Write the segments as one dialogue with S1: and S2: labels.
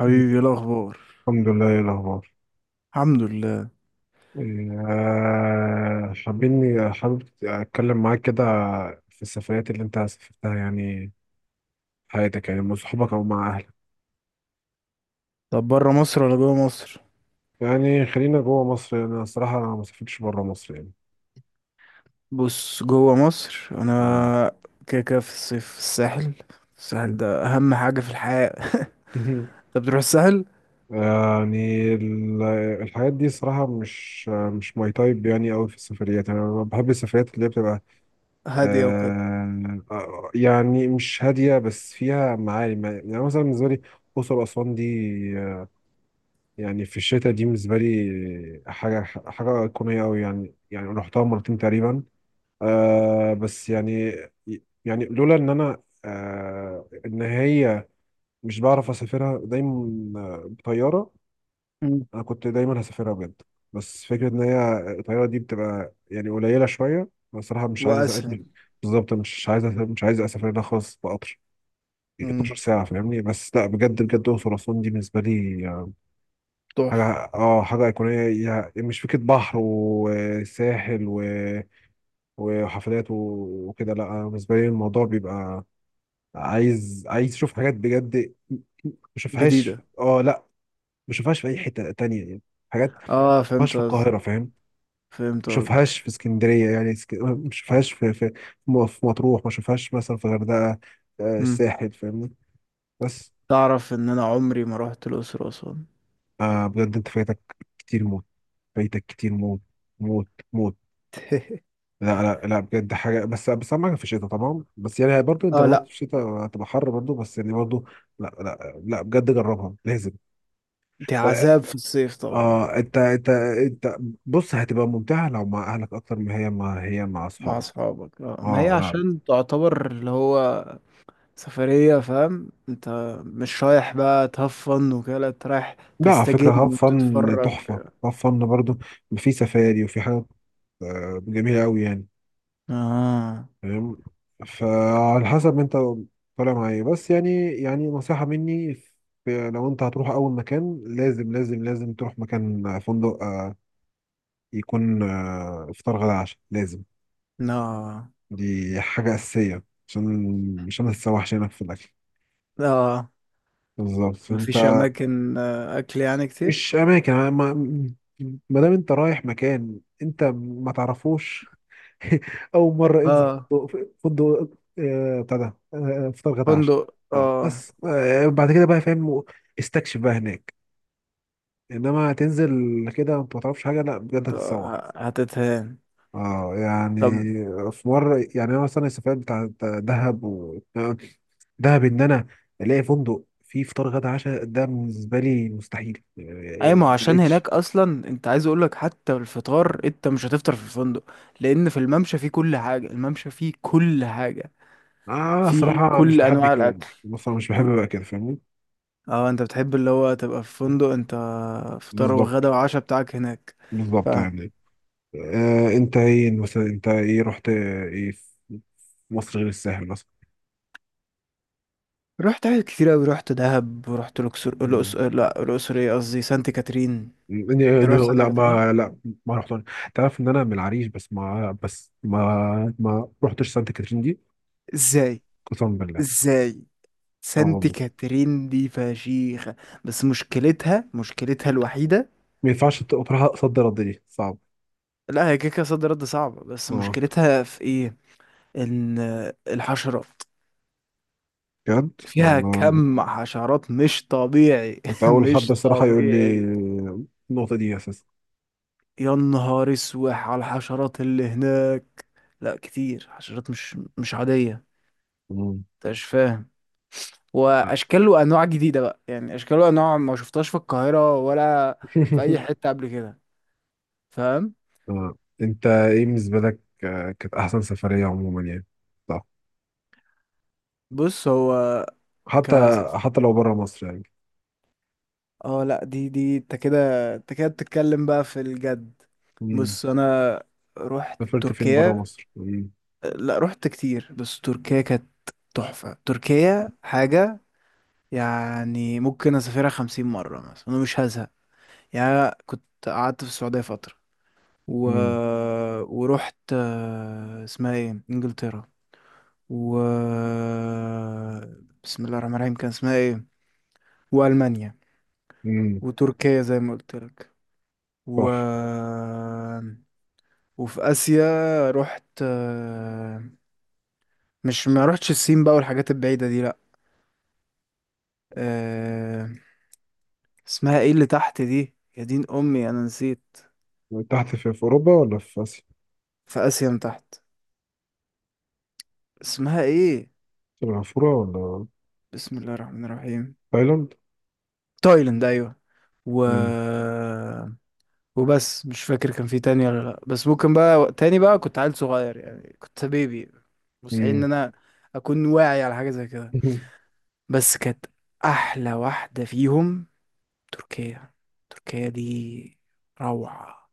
S1: حبيبي، إيه الاخبار؟
S2: الحمد لله، ايه الاخبار؟
S1: الحمد لله.
S2: آه، حابين حابب اتكلم معاك كده في السفريات اللي انت سافرتها، يعني في حياتك، يعني مع صحابك او مع اهلك.
S1: طب، بره مصر ولا جوه مصر؟
S2: يعني خلينا جوه مصر، يعني انا الصراحه ما سافرتش بره مصر يعني.
S1: بص، جوه مصر
S2: مم.
S1: انا كده كده في الصيف في الساحل. الساحل ده اهم حاجه في الحياه. انت بتروح الساحل؟
S2: يعني ال- الحاجات دي صراحة مش ماي تايب يعني أوي في السفريات. يعني أنا بحب السفريات اللي هي بتبقى
S1: هاديه وكده.
S2: يعني مش هادية بس فيها معاني. يعني يعني مثلا بالنسبة لي أقصر وأسوان دي، آه، يعني في الشتاء دي بالنسبة لي حاجة أيقونية أوي يعني. يعني رحتها مرتين تقريبا. آه بس يعني، يعني لولا إن أنا إن هي مش بعرف أسافرها دايما، بطيارة.
S1: مم.
S2: أنا كنت دايما هسافرها بجد، بس فكرة إن هي الطيارة دي بتبقى يعني قليلة شوية. أنا الصراحة مش عايز أسافر.
S1: واسهل.
S2: بالظبط، مش عايز أسافر ده خالص بقطر 12
S1: امم.
S2: ساعة فاهمني. بس لا بجد بجد، الأقصر وأسوان دي بالنسبة لي حاجة.
S1: تحفه.
S2: اه، حاجة أيقونية، مش فكرة بحر وساحل وحفلات وكده. لا، أنا بالنسبة لي الموضوع بيبقى عايز أشوف حاجات بجد مشوفهاش.
S1: جديده.
S2: اه لا، مشوفهاش في أي حتة تانية يعني. حاجات
S1: اه،
S2: مشوفهاش
S1: فهمت
S2: في
S1: قصدك.
S2: القاهرة، فاهم؟
S1: فهمت
S2: مشوفهاش
S1: قصدك.
S2: في اسكندرية، يعني مشوفهاش في في مطروح، مشوفهاش مثلا في الغردقة. آه،
S1: امم.
S2: الساحل فاهمني. بس
S1: تعرف ان انا عمري ما رحت الاقصر واسوان؟
S2: آه، بجد أنت فايتك كتير موت. فايتك كتير موت، موت موت. لا لا لا بجد حاجه. بس بس اهم حاجه في الشتاء طبعا، بس يعني برضو انت
S1: اه،
S2: لو رحت
S1: لا.
S2: في الشتاء هتبقى حر برضو، بس يعني برضو. لا لا لا بجد جربها لازم.
S1: دي
S2: اه،
S1: عذاب في الصيف طبعا.
S2: انت بص هتبقى ممتعه لو مع اهلك اكتر، ما هي مع
S1: مع
S2: اصحابك.
S1: اصحابك، اه، ما هي
S2: اه لا.
S1: عشان تعتبر اللي هو سفرية، فاهم انت؟ مش رايح بقى تهفن وكده، لا انت رايح
S2: لا، على
S1: تستجم
S2: فكره هاف فن
S1: وتتفرج.
S2: تحفه، هاف فن برضو. في سفاري وفي حاجات، جميله قوي يعني،
S1: اه،
S2: فاهم؟ فعلى حسب انت طالع مع ايه. بس يعني، يعني نصيحة مني، لو انت هتروح اول مكان، لازم لازم لازم تروح مكان فندق يكون افطار غدا عشاء لازم.
S1: لا.
S2: دي حاجة أساسية عشان ما تتسوحش هناك في الأكل.
S1: لا،
S2: بالظبط.
S1: مفيش
S2: انت
S1: اماكن اكل يعني كتير.
S2: مش أماكن، ما دام انت رايح مكان انت ما تعرفوش. اول مره انزل
S1: اه،
S2: فندق بتاع ده، فطار غدا عشاء.
S1: فندق،
S2: اه
S1: اه.
S2: بس بعد كده بقى، فاهم؟ استكشف بقى هناك. انما تنزل كده انت ما تعرفش حاجه، لا بجد
S1: انت
S2: هتتسوح.
S1: هتتهان.
S2: اه يعني
S1: طب،
S2: في مره يعني انا مثلا السفريات بتاع دهب و... آه، دهب، ان انا الاقي فندق فيه فطار غدا عشاء ده بالنسبه لي مستحيل.
S1: اي ما هو
S2: ما
S1: عشان
S2: لقيتش.
S1: هناك اصلا انت عايز اقولك حتى الفطار انت مش هتفطر في الفندق، لان في الممشى فيه كل حاجة، الممشى فيه كل حاجة،
S2: اه
S1: فيه
S2: صراحه مش
S1: كل
S2: بحب
S1: انواع
S2: كده.
S1: الاكل.
S2: بصراحه مش بحب بقى كده، فاهمني؟
S1: اه، انت بتحب اللي هو تبقى في فندق، انت فطار
S2: بالظبط،
S1: وغدا وعشاء بتاعك هناك. ف
S2: بالظبط يعني. آه، انت ايه مثلا؟ انت ايه رحت ايه في مصر غير الساحل مثلا؟
S1: رحت حاجات كتير اوي، رحت دهب ورحت الاقصر،
S2: مم.
S1: لا الاقصر ايه قصدي سانت كاترين. انت
S2: إني-
S1: رحت سانت
S2: لا،
S1: كاترين؟
S2: ما لا، ما رحت. تعرف ان انا من العريش، بس ما رحتش سانت كاترين دي،
S1: ازاي؟
S2: قسما بالله.
S1: ازاي؟
S2: اه
S1: سانت
S2: والله،
S1: كاترين دي فشيخة. بس مشكلتها الوحيدة.
S2: ما ينفعش تروح صد رد دي صعب.
S1: لا هي كيكة صد رد صعبة، بس
S2: اه
S1: مشكلتها في ايه؟ ان الحشرات
S2: بجد
S1: فيها،
S2: والله.
S1: كم حشرات مش طبيعي.
S2: كنت اول حد
S1: مش
S2: الصراحه يقول لي
S1: طبيعي.
S2: النقطه دي اساسا.
S1: يا نهار اسوح على الحشرات اللي هناك. لا كتير حشرات مش عادية.
S2: مم.
S1: انت مش فاهم.
S2: آه.
S1: واشكال وانواع جديدة بقى، يعني اشكال وانواع ما شفتهاش في القاهرة ولا في اي حتة قبل كده. فاهم.
S2: آه. انت ايه بالنسبه لك كانت احسن سفريه عموما يعني،
S1: بص هو ك
S2: حتى حتى لو بره مصر يعني.
S1: اه، لا دي انت كده. انت كده بتتكلم بقى في الجد.
S2: مم.
S1: بص انا رحت
S2: سافرت فين بره
S1: تركيا.
S2: مصر؟ مم.
S1: لا رحت كتير، بس تركيا كانت تحفة. تركيا حاجة، يعني ممكن اسافرها 50 مرة مثلا، انا مش هزهق. يعني كنت قعدت في السعودية فترة و...
S2: مم.
S1: ورحت اسمها ايه، انجلترا، و بسم الله الرحمن الرحيم كان اسمها ايه، والمانيا،
S2: مم.
S1: وتركيا زي ما قلت لك، و
S2: تحفة.
S1: وفي اسيا رحت مش ما رحتش الصين بقى والحاجات البعيدة دي لا. آه، اسمها ايه اللي تحت دي، يا دين امي انا نسيت.
S2: تحت في، في أوروبا ولا في آسيا؟
S1: في اسيا من تحت، اسمها ايه؟
S2: سنغافورة ولا
S1: بسم الله الرحمن الرحيم.
S2: تايلاند؟
S1: تايلاند، ايوه. و
S2: مم.
S1: وبس، مش فاكر كان في تاني ولا لا، بس ممكن بقى تاني، بقى كنت عيل صغير يعني، كنت بيبي. مستحيل ان
S2: مم.
S1: انا اكون واعي على حاجه زي كده. بس كانت احلى واحده فيهم تركيا. تركيا دي روعه.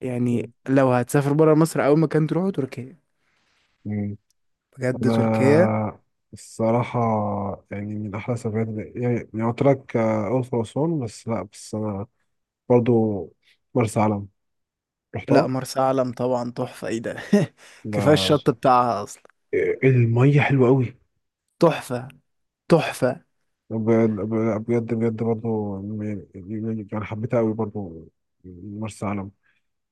S1: يعني لو هتسافر برا مصر، اول مكان تروحه تركيا.
S2: مم.
S1: بجد تركيا.
S2: أنا الصراحة يعني من أحلى سفرات، يعني، يعني قلت لك الأقصر وأسوان، بس لأ، بس أنا برضو مرسى علم
S1: لا
S2: رحتها.
S1: مرسى علم طبعا تحفه، ايه ده. كفايه
S2: لا،
S1: الشط بتاعها اصلا.
S2: المية حلوة أوي.
S1: تحفه. تحفة.
S2: ب- بجد بجد برضو، يعني، يعني حبيتها قوي برضو مرسى علم.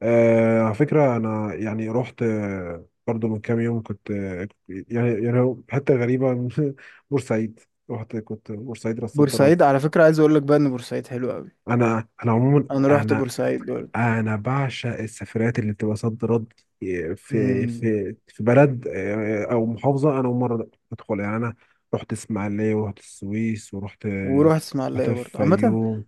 S2: آه على فكرة، أنا يعني رحت برضو من كام يوم، كنت يعني يعني هو حتة غريبة بورسعيد. رحت كنت بورسعيد راس صد رد.
S1: بورسعيد على فكرة عايز اقول لك، بقى ان بورسعيد حلو قوي.
S2: أنا عموما
S1: انا رحت
S2: أنا
S1: بورسعيد برضه.
S2: أنا بعشق السفرات اللي بتبقى صد رد، في
S1: امم.
S2: في بلد، أو محافظة أنا أول مرة أدخل. يعني أنا رحت إسماعيلية، ورحت السويس، ورحت
S1: ورحت
S2: رحت
S1: اسماعيلية برضه عامة.
S2: الفيوم،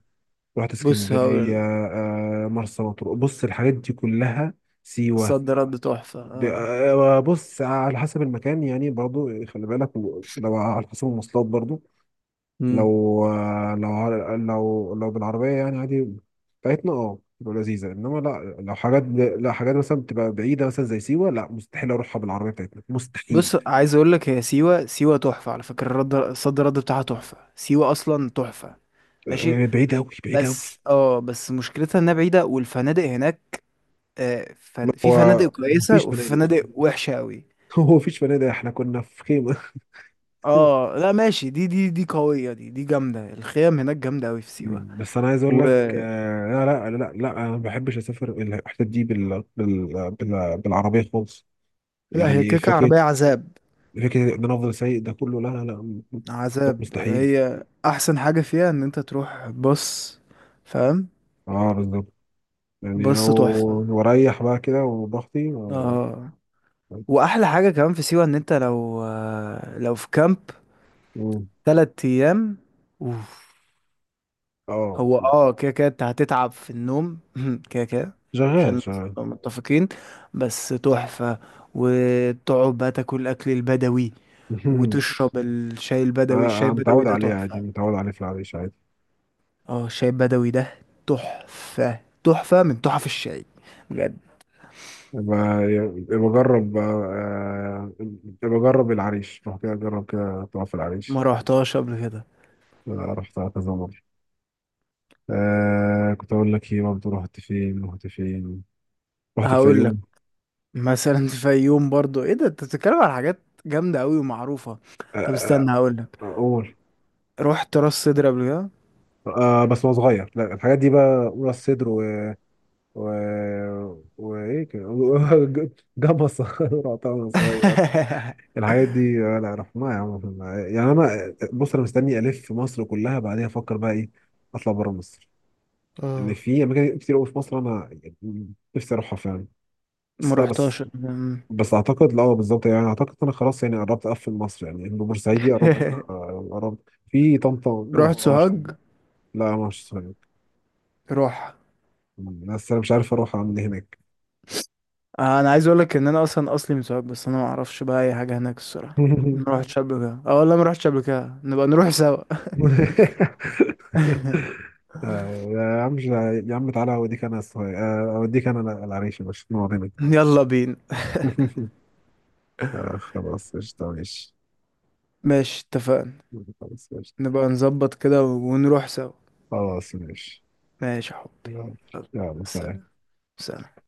S2: رحت
S1: بص
S2: اسكندرية،
S1: هقول لك،
S2: مرسى مطروح. بص الحاجات دي كلها، سيوة.
S1: صد رد تحفة، اه.
S2: بص على حسب المكان يعني، برضو خلي بالك لو على حسب المواصلات، برضو
S1: امم.
S2: لو لو لو بالعربية يعني عادي بتاعتنا، اه تبقى لذيذة، انما لا لو حاجات، لا حاجات مثلا بتبقى بعيدة مثلا زي سيوة، لا مستحيل اروحها بالعربية بتاعتنا
S1: بص
S2: مستحيل.
S1: عايز اقول لك، هي سيوة، سيوة تحفة على فكرة. الرد صد رد بتاعها تحفة، سيوة اصلا تحفة. ماشي.
S2: آه، بعيدة أوي، بعيدة أوي.
S1: بس مشكلتها انها بعيدة، والفنادق هناك في
S2: هو
S1: فنادق
S2: هو
S1: كويسة
S2: مفيش
S1: وفي
S2: فنادق
S1: فنادق
S2: أصلاً.
S1: وحشة قوي.
S2: هو مفيش فنادق، احنا كنا في خيمة.
S1: اه لا ماشي، دي قوية، دي جامدة، الخيام هناك جامدة قوي في سيوة.
S2: مم. بس انا عايز اقول لك، آه لا لا لا لا، انا ما بحبش اسافر الحتت دي بالعربيه خالص.
S1: لا هي
S2: يعني
S1: كيكة
S2: فكره،
S1: عربية عذاب.
S2: ان انا افضل سايق ده كله، لا لا لا، ده
S1: عذاب،
S2: مستحيل.
S1: هي أحسن حاجة فيها إن أنت تروح، بص، فاهم.
S2: اه بالظبط يعني،
S1: بص
S2: او،
S1: تحفة.
S2: واريح بقى كده وضغطي
S1: اه، وأحلى حاجة كمان في سيوة إن أنت لو في كامب
S2: مم.
S1: 3 أيام، أوف.
S2: اه.
S1: هو اه كده كده أنت هتتعب في النوم. كده كده،
S2: شغال
S1: عشان
S2: شغال
S1: نبقى متفقين. بس تحفة. وتقعد بقى تاكل الأكل البدوي، وتشرب الشاي البدوي. الشاي
S2: أنا
S1: البدوي
S2: متعود
S1: ده
S2: عليه عادي،
S1: تحفة.
S2: متعود عليه في العريش عادي.
S1: اه، الشاي البدوي ده تحفة. تحفة من تحف الشاي، بجد.
S2: بجرب بجرب العريش، روح كده جرب كده تقف في
S1: ما
S2: العريش.
S1: روحتهاش قبل كده.
S2: أنا رحتها كذا مرة. آه، كنت أقول لك إيه برضه، رحت فين؟ رحت
S1: هقول لك
S2: الفيوم،
S1: مثلا. في يوم برضو، ايه ده، انت بتتكلم على حاجات جامدة قوي ومعروفة.
S2: آه
S1: طب استنى
S2: آه،
S1: هقول لك.
S2: أول
S1: رحت راس سدر قبل كده.
S2: آه، بس وأنا صغير، لا الحاجات دي بقى، أولى الصدر، و و وإيه كده، جمصة رحتها وأنا صغير، الحاجات دي آه لا رحناها يا عم، رحناها. يعني أنا بص، أنا مستني ألف في مصر كلها بعدين أفكر بقى إيه، أطلع بره مصر. إن
S1: اه،
S2: في أماكن كتير أوي في مصر، أنا يعني نفسي أروحها فعلا.
S1: ما
S2: بس لا
S1: روحتهاش.
S2: بس
S1: أمم.
S2: بس اعتقد، لا بالظبط يعني اعتقد انا خلاص يعني قربت اقفل مصر يعني، انه بورسعيدي قربت، قربت في طنطا ما
S1: رحت
S2: رحتهاش.
S1: سوهاج.
S2: لا ما رحتش صغير،
S1: روح.
S2: بس انا مش عارف اروح اعمل ايه هناك.
S1: انا عايز اقول لك ان انا اصلا اصلي من سوهاج، بس انا ما اعرفش بقى اي حاجة هناك الصراحة. ما روحتش قبل كده، اه والله ما روحتش قبل كده. نبقى نروح سوا.
S2: آه، يا عم مش- يا عم تعالى اوديك انا الصغير، اوديك انا العريش، مش نقعد هناك.
S1: يلا بينا.
S2: آه، خلاص قشطة ماشي.
S1: ماشي، اتفقنا.
S2: خلاص قشطة.
S1: نبقى نظبط كده ونروح سوا.
S2: خلاص ماشي.
S1: ماشي يا حبي.
S2: يلا. يلا، سلام.
S1: سلام. سلام.